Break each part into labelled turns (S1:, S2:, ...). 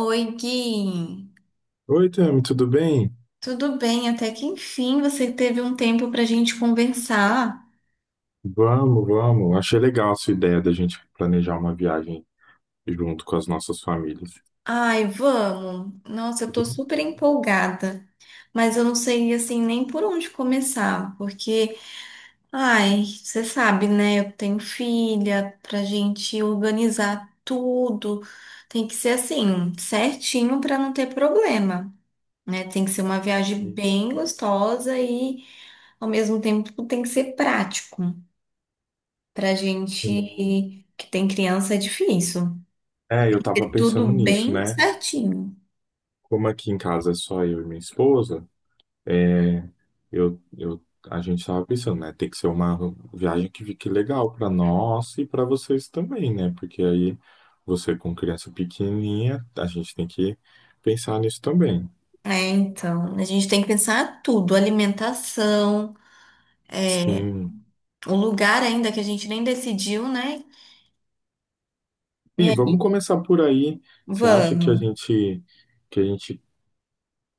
S1: Oi, Gui.
S2: Oi, Tami, tudo bem?
S1: Tudo bem? Até que enfim você teve um tempo pra gente conversar.
S2: Vamos, vamos. Achei legal a sua ideia da gente planejar uma viagem junto com as nossas famílias.
S1: Ai, vamos. Nossa, eu tô
S2: Vamos.
S1: super empolgada, mas eu não sei assim nem por onde começar, porque, ai, você sabe, né? Eu tenho filha, pra gente organizar tudo, tem que ser assim, certinho pra não ter problema, né? Tem que ser uma viagem
S2: Sim,
S1: bem gostosa e ao mesmo tempo tem que ser prático. Pra
S2: sim.
S1: gente que tem criança é difícil.
S2: Eu
S1: Ter
S2: tava pensando
S1: tudo
S2: nisso,
S1: bem
S2: né?
S1: certinho.
S2: Como aqui em casa é só eu e minha esposa, é, eu, eu, a gente tava pensando, né? Tem que ser uma viagem que fique legal para nós e para vocês também, né? Porque aí você com criança pequenininha, a gente tem que pensar nisso também.
S1: É, então, a gente tem que pensar tudo, alimentação, é,
S2: Sim.
S1: o lugar ainda que a gente nem decidiu, né? E
S2: Sim,
S1: aí,
S2: vamos começar por aí. Você acha que
S1: vamos.
S2: a gente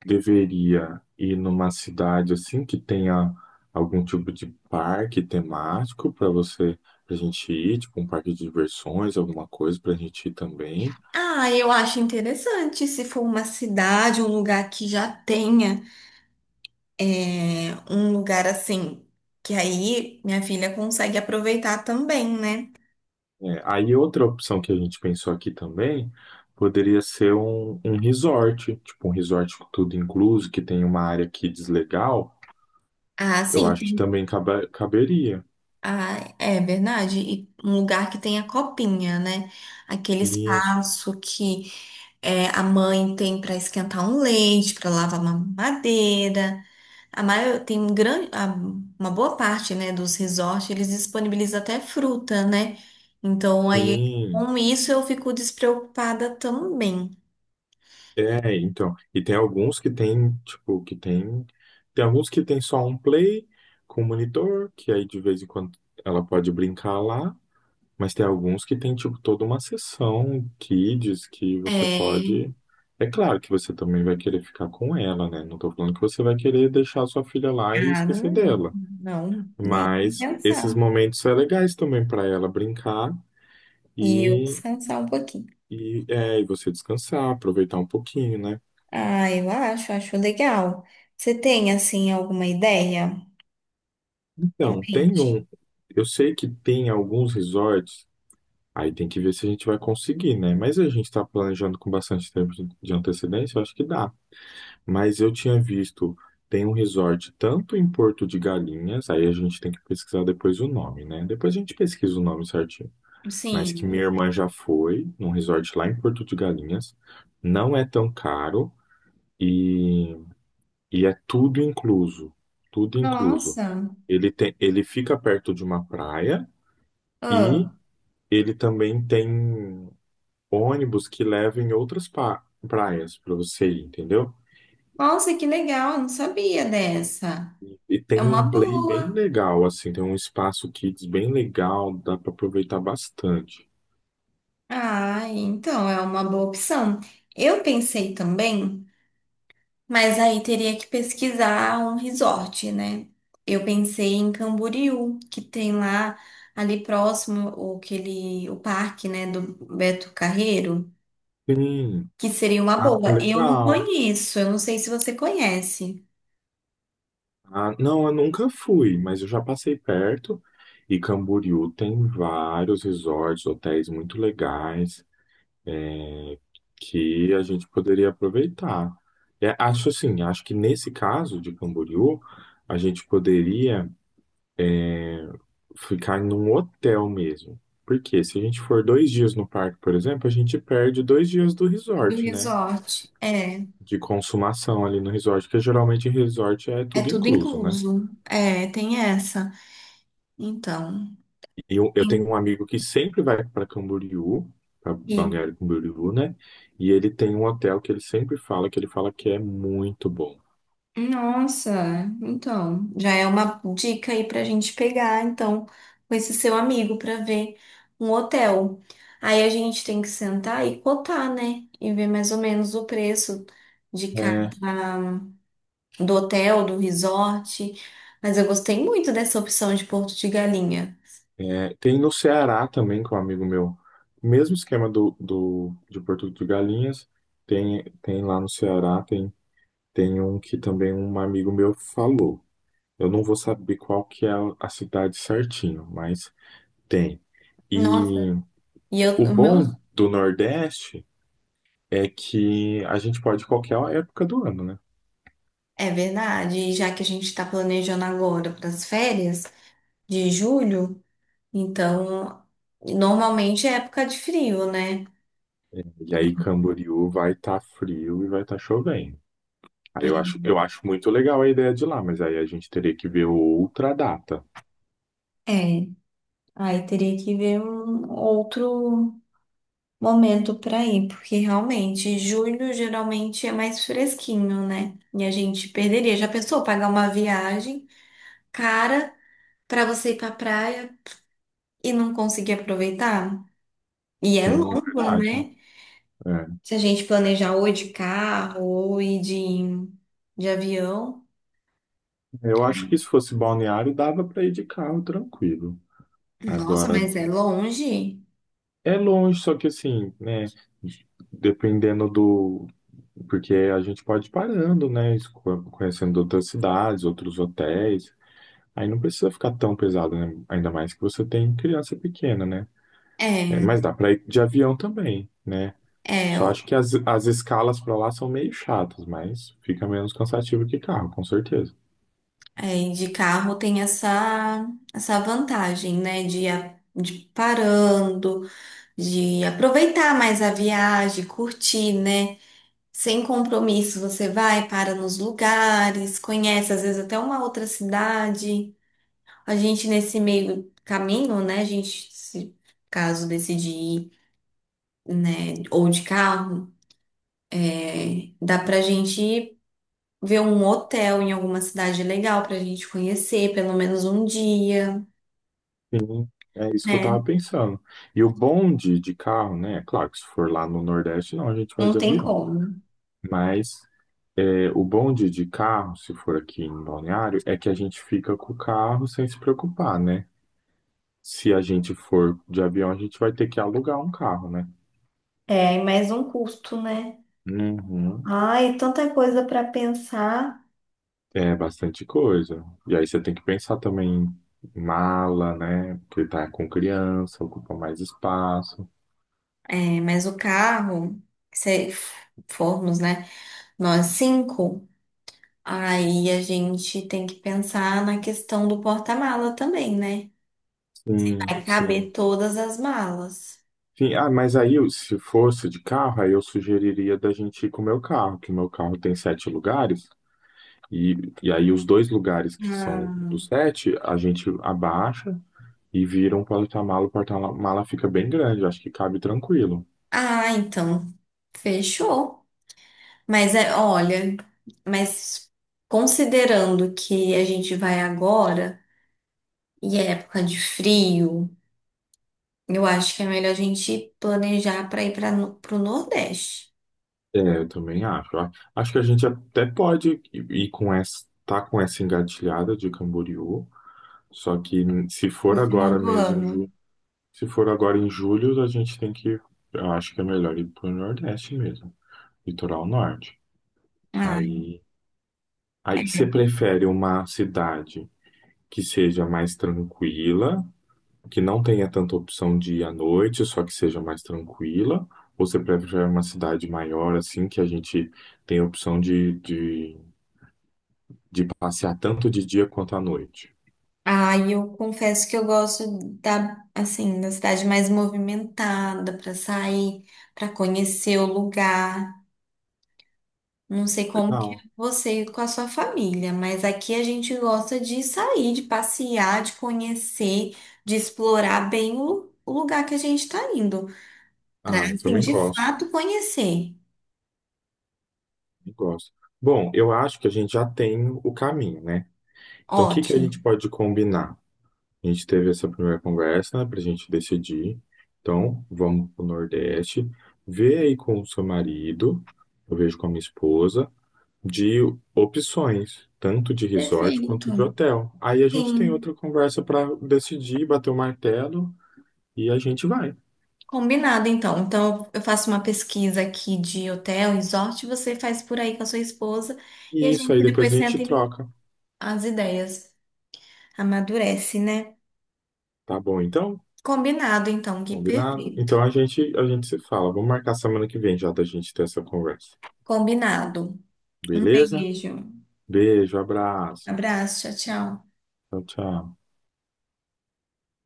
S2: deveria ir numa cidade assim que tenha algum tipo de parque temático para a gente ir, tipo um parque de diversões, alguma coisa para a gente ir também?
S1: Ah, eu acho interessante se for uma cidade, um lugar que já tenha um lugar assim, que aí minha filha consegue aproveitar também, né?
S2: É, aí outra opção que a gente pensou aqui também poderia ser um resort, tipo um resort com tudo incluso, que tem uma área kids legal.
S1: Ah,
S2: Eu
S1: sim.
S2: acho que também caberia.
S1: Ah, é verdade. E um lugar que tem a copinha, né? Aquele
S2: Isso.
S1: espaço que a mãe tem para esquentar um leite, para lavar uma mamadeira. A maior, tem um grande, uma boa parte, né, dos resorts, eles disponibilizam até fruta, né? Então aí
S2: Sim.
S1: com isso eu fico despreocupada também.
S2: É, então. E tem alguns que tem, tipo, que tem. Tem alguns que tem só um play com monitor, que aí de vez em quando ela pode brincar lá. Mas tem alguns que tem, tipo, toda uma sessão kids que você
S1: É...
S2: pode. É claro que você também vai querer ficar com ela, né? Não tô falando que você vai querer deixar sua filha lá e
S1: Ah,
S2: esquecer
S1: não,
S2: dela.
S1: não, nem
S2: Mas esses
S1: pensar.
S2: momentos são legais também para ela brincar
S1: E eu
S2: e,
S1: descansar um pouquinho.
S2: e você descansar, aproveitar um pouquinho, né?
S1: Ah, acho legal. Você tem, assim, alguma ideia em
S2: Então, tem
S1: mente?
S2: um. Eu sei que tem alguns resorts, aí tem que ver se a gente vai conseguir, né? Mas a gente está planejando com bastante tempo de antecedência, eu acho que dá. Mas eu tinha visto, tem um resort tanto em Porto de Galinhas, aí a gente tem que pesquisar depois o nome, né? Depois a gente pesquisa o nome certinho. Mas que
S1: Sim.
S2: minha irmã já foi num resort lá em Porto de Galinhas, não é tão caro e, e é tudo incluso. Tudo incluso.
S1: Nossa.
S2: Ele fica perto de uma praia. E
S1: Ah,
S2: ele também tem ônibus que leva em outras praias para você ir, entendeu?
S1: nossa, que legal. Eu Não sabia dessa.
S2: E
S1: É
S2: tem
S1: uma
S2: um play bem
S1: boa.
S2: legal, assim, tem um espaço kids bem legal, dá para aproveitar bastante.
S1: Ah, então é uma boa opção. Eu pensei também, mas aí teria que pesquisar um resort, né? Eu pensei em Camboriú, que tem lá ali próximo o, aquele, o parque, né, do Beto Carreiro,
S2: Sim,
S1: que seria uma
S2: ah,
S1: boa. Eu não
S2: legal.
S1: conheço, eu não sei se você conhece.
S2: Ah, não, eu nunca fui, mas eu já passei perto. E Camboriú tem vários resorts, hotéis muito legais, que a gente poderia aproveitar. É, acho assim, acho que nesse caso de Camboriú, a gente poderia ficar num hotel mesmo. Porque se a gente for dois dias no parque, por exemplo, a gente perde dois dias do
S1: Do
S2: resort, né?
S1: resort. É,
S2: De consumação ali no resort, que geralmente resort é
S1: é
S2: tudo
S1: tudo
S2: incluso, né?
S1: incluso. É, tem essa. Então,
S2: E eu
S1: tem
S2: tenho um amigo que sempre vai para Camboriú, para
S1: que-
S2: Balneário Camboriú, né? E ele tem um hotel que ele sempre fala, que ele fala que é muito bom.
S1: Nossa, então, já é uma dica aí pra gente pegar, então, com esse seu amigo pra ver um hotel. Aí a gente tem que sentar e cotar, né? E ver mais ou menos o preço de
S2: É,
S1: cada, do hotel, do resort, mas eu gostei muito dessa opção de Porto de Galinha.
S2: é, tem no Ceará também, com um amigo meu, mesmo esquema de Porto de Galinhas, tem lá no Ceará, tem, tem um que também um amigo meu falou. Eu não vou saber qual que é a cidade certinho, mas tem. E
S1: Nossa, e
S2: o
S1: eu, o meu,
S2: bom do Nordeste é que a gente pode ir qualquer época do ano, né?
S1: é verdade, e já que a gente está planejando agora para as férias de julho, então normalmente é época de frio, né?
S2: É, e aí Camboriú vai estar frio e vai estar chovendo. Aí eu acho muito legal a ideia de ir lá, mas aí a gente teria que ver outra data.
S1: É, é, aí teria que ver um outro momento para ir, porque realmente julho geralmente é mais fresquinho, né? E a gente perderia. Já pensou pagar uma viagem cara para você ir para praia e não conseguir aproveitar. E é
S2: Sim,
S1: longa,
S2: verdade.
S1: né?
S2: É.
S1: Se a gente planejar ou ir de carro ou ir de avião.
S2: Eu acho que se fosse balneário, dava para ir de carro tranquilo.
S1: Nossa,
S2: Agora,
S1: mas é longe.
S2: é longe, só que assim, né? Dependendo do. Porque a gente pode ir parando, né? Conhecendo outras cidades, outros hotéis. Aí não precisa ficar tão pesado, né? Ainda mais que você tem criança pequena, né? É,
S1: É,
S2: mas dá para ir de avião também, né?
S1: é,
S2: Só
S1: o-
S2: acho que as escalas para lá são meio chatas, mas fica menos cansativo que carro, com certeza.
S1: e de carro tem essa vantagem, né? De, de ir parando, de aproveitar mais a viagem, curtir, né? Sem compromisso, você vai, para nos lugares, conhece às vezes até uma outra cidade. A gente nesse meio caminho, né? A gente, se caso decidir, ir, né, ou de carro, dá pra gente ver um hotel em alguma cidade legal pra gente conhecer pelo menos um dia,
S2: Sim, é isso que eu
S1: né?
S2: tava pensando. E o bonde de carro, né? Claro que se for lá no Nordeste, não, a gente vai
S1: Não
S2: de
S1: tem
S2: avião.
S1: como.
S2: Mas é, o bonde de carro, se for aqui em Balneário, é que a gente fica com o carro sem se preocupar, né? Se a gente for de avião, a gente vai ter que alugar um carro, né?
S1: É, e mais um custo, né?
S2: Uhum.
S1: Ai, tanta coisa para pensar.
S2: É bastante coisa. E aí você tem que pensar também em mala, né? Porque tá com criança, ocupa mais espaço.
S1: É, mas o carro, se formos, né? Nós cinco, aí a gente tem que pensar na questão do porta-mala também, né?
S2: Sim,
S1: Vai caber
S2: sim.
S1: todas as malas.
S2: Sim, ah, mas aí, se fosse de carro, aí eu sugeriria da gente ir com o meu carro, que o meu carro tem sete lugares, e, e aí os dois lugares que são
S1: Ah,
S2: dos sete, a gente abaixa e vira um porta-mala, o porta-mala fica bem grande, acho que cabe tranquilo.
S1: ah, então, fechou. Mas é, olha, mas considerando que a gente vai agora e é época de frio, eu acho que é melhor a gente planejar para ir para o Nordeste.
S2: É, eu também acho. Acho que a gente até pode ir com essa, tá com essa engatilhada de Camboriú, só que se for
S1: Final
S2: agora
S1: do
S2: mesmo em
S1: ano.
S2: julho, se for agora em julho, a gente tem que, eu acho que é melhor ir pro Nordeste mesmo. Litoral norte.
S1: Ah,
S2: Aí, aí você
S1: é.
S2: prefere uma cidade que seja mais tranquila, que não tenha tanta opção de ir à noite, só que seja mais tranquila? Ou você prefere uma cidade maior, assim, que a gente tem a opção de passear tanto de dia quanto à noite?
S1: Ah, e eu confesso que eu gosto da, assim, da cidade mais movimentada para sair, para conhecer o lugar. Não sei como que é
S2: Legal.
S1: você com a sua família, mas aqui a gente gosta de sair, de passear, de conhecer, de explorar bem o lugar que a gente está indo, para
S2: Ah, eu
S1: assim,
S2: também
S1: de
S2: gosto.
S1: fato conhecer.
S2: Também gosto. Bom, eu acho que a gente já tem o caminho, né? Então, o que que a
S1: Ótimo.
S2: gente pode combinar? A gente teve essa primeira conversa, né, para a gente decidir. Então, vamos para o Nordeste. Vê aí com o seu marido, eu vejo com a minha esposa, de opções, tanto de resort
S1: Perfeito.
S2: quanto de hotel. Aí a gente tem
S1: Sim,
S2: outra conversa para decidir, bater o martelo e a gente vai.
S1: combinado então. Então eu faço uma pesquisa aqui de hotel, resort, você faz por aí com a sua esposa e a
S2: E isso aí
S1: gente
S2: depois
S1: depois
S2: a gente
S1: senta e
S2: troca.
S1: as ideias amadurece, né?
S2: Tá bom, então?
S1: Combinado então, que
S2: Combinado?
S1: perfeito.
S2: Então a gente se fala. Vamos marcar semana que vem já da gente ter essa conversa.
S1: Combinado. Um
S2: Beleza?
S1: beijo.
S2: Beijo, abraço.
S1: Abraço. Tchau, tchau.
S2: Tchau, tchau.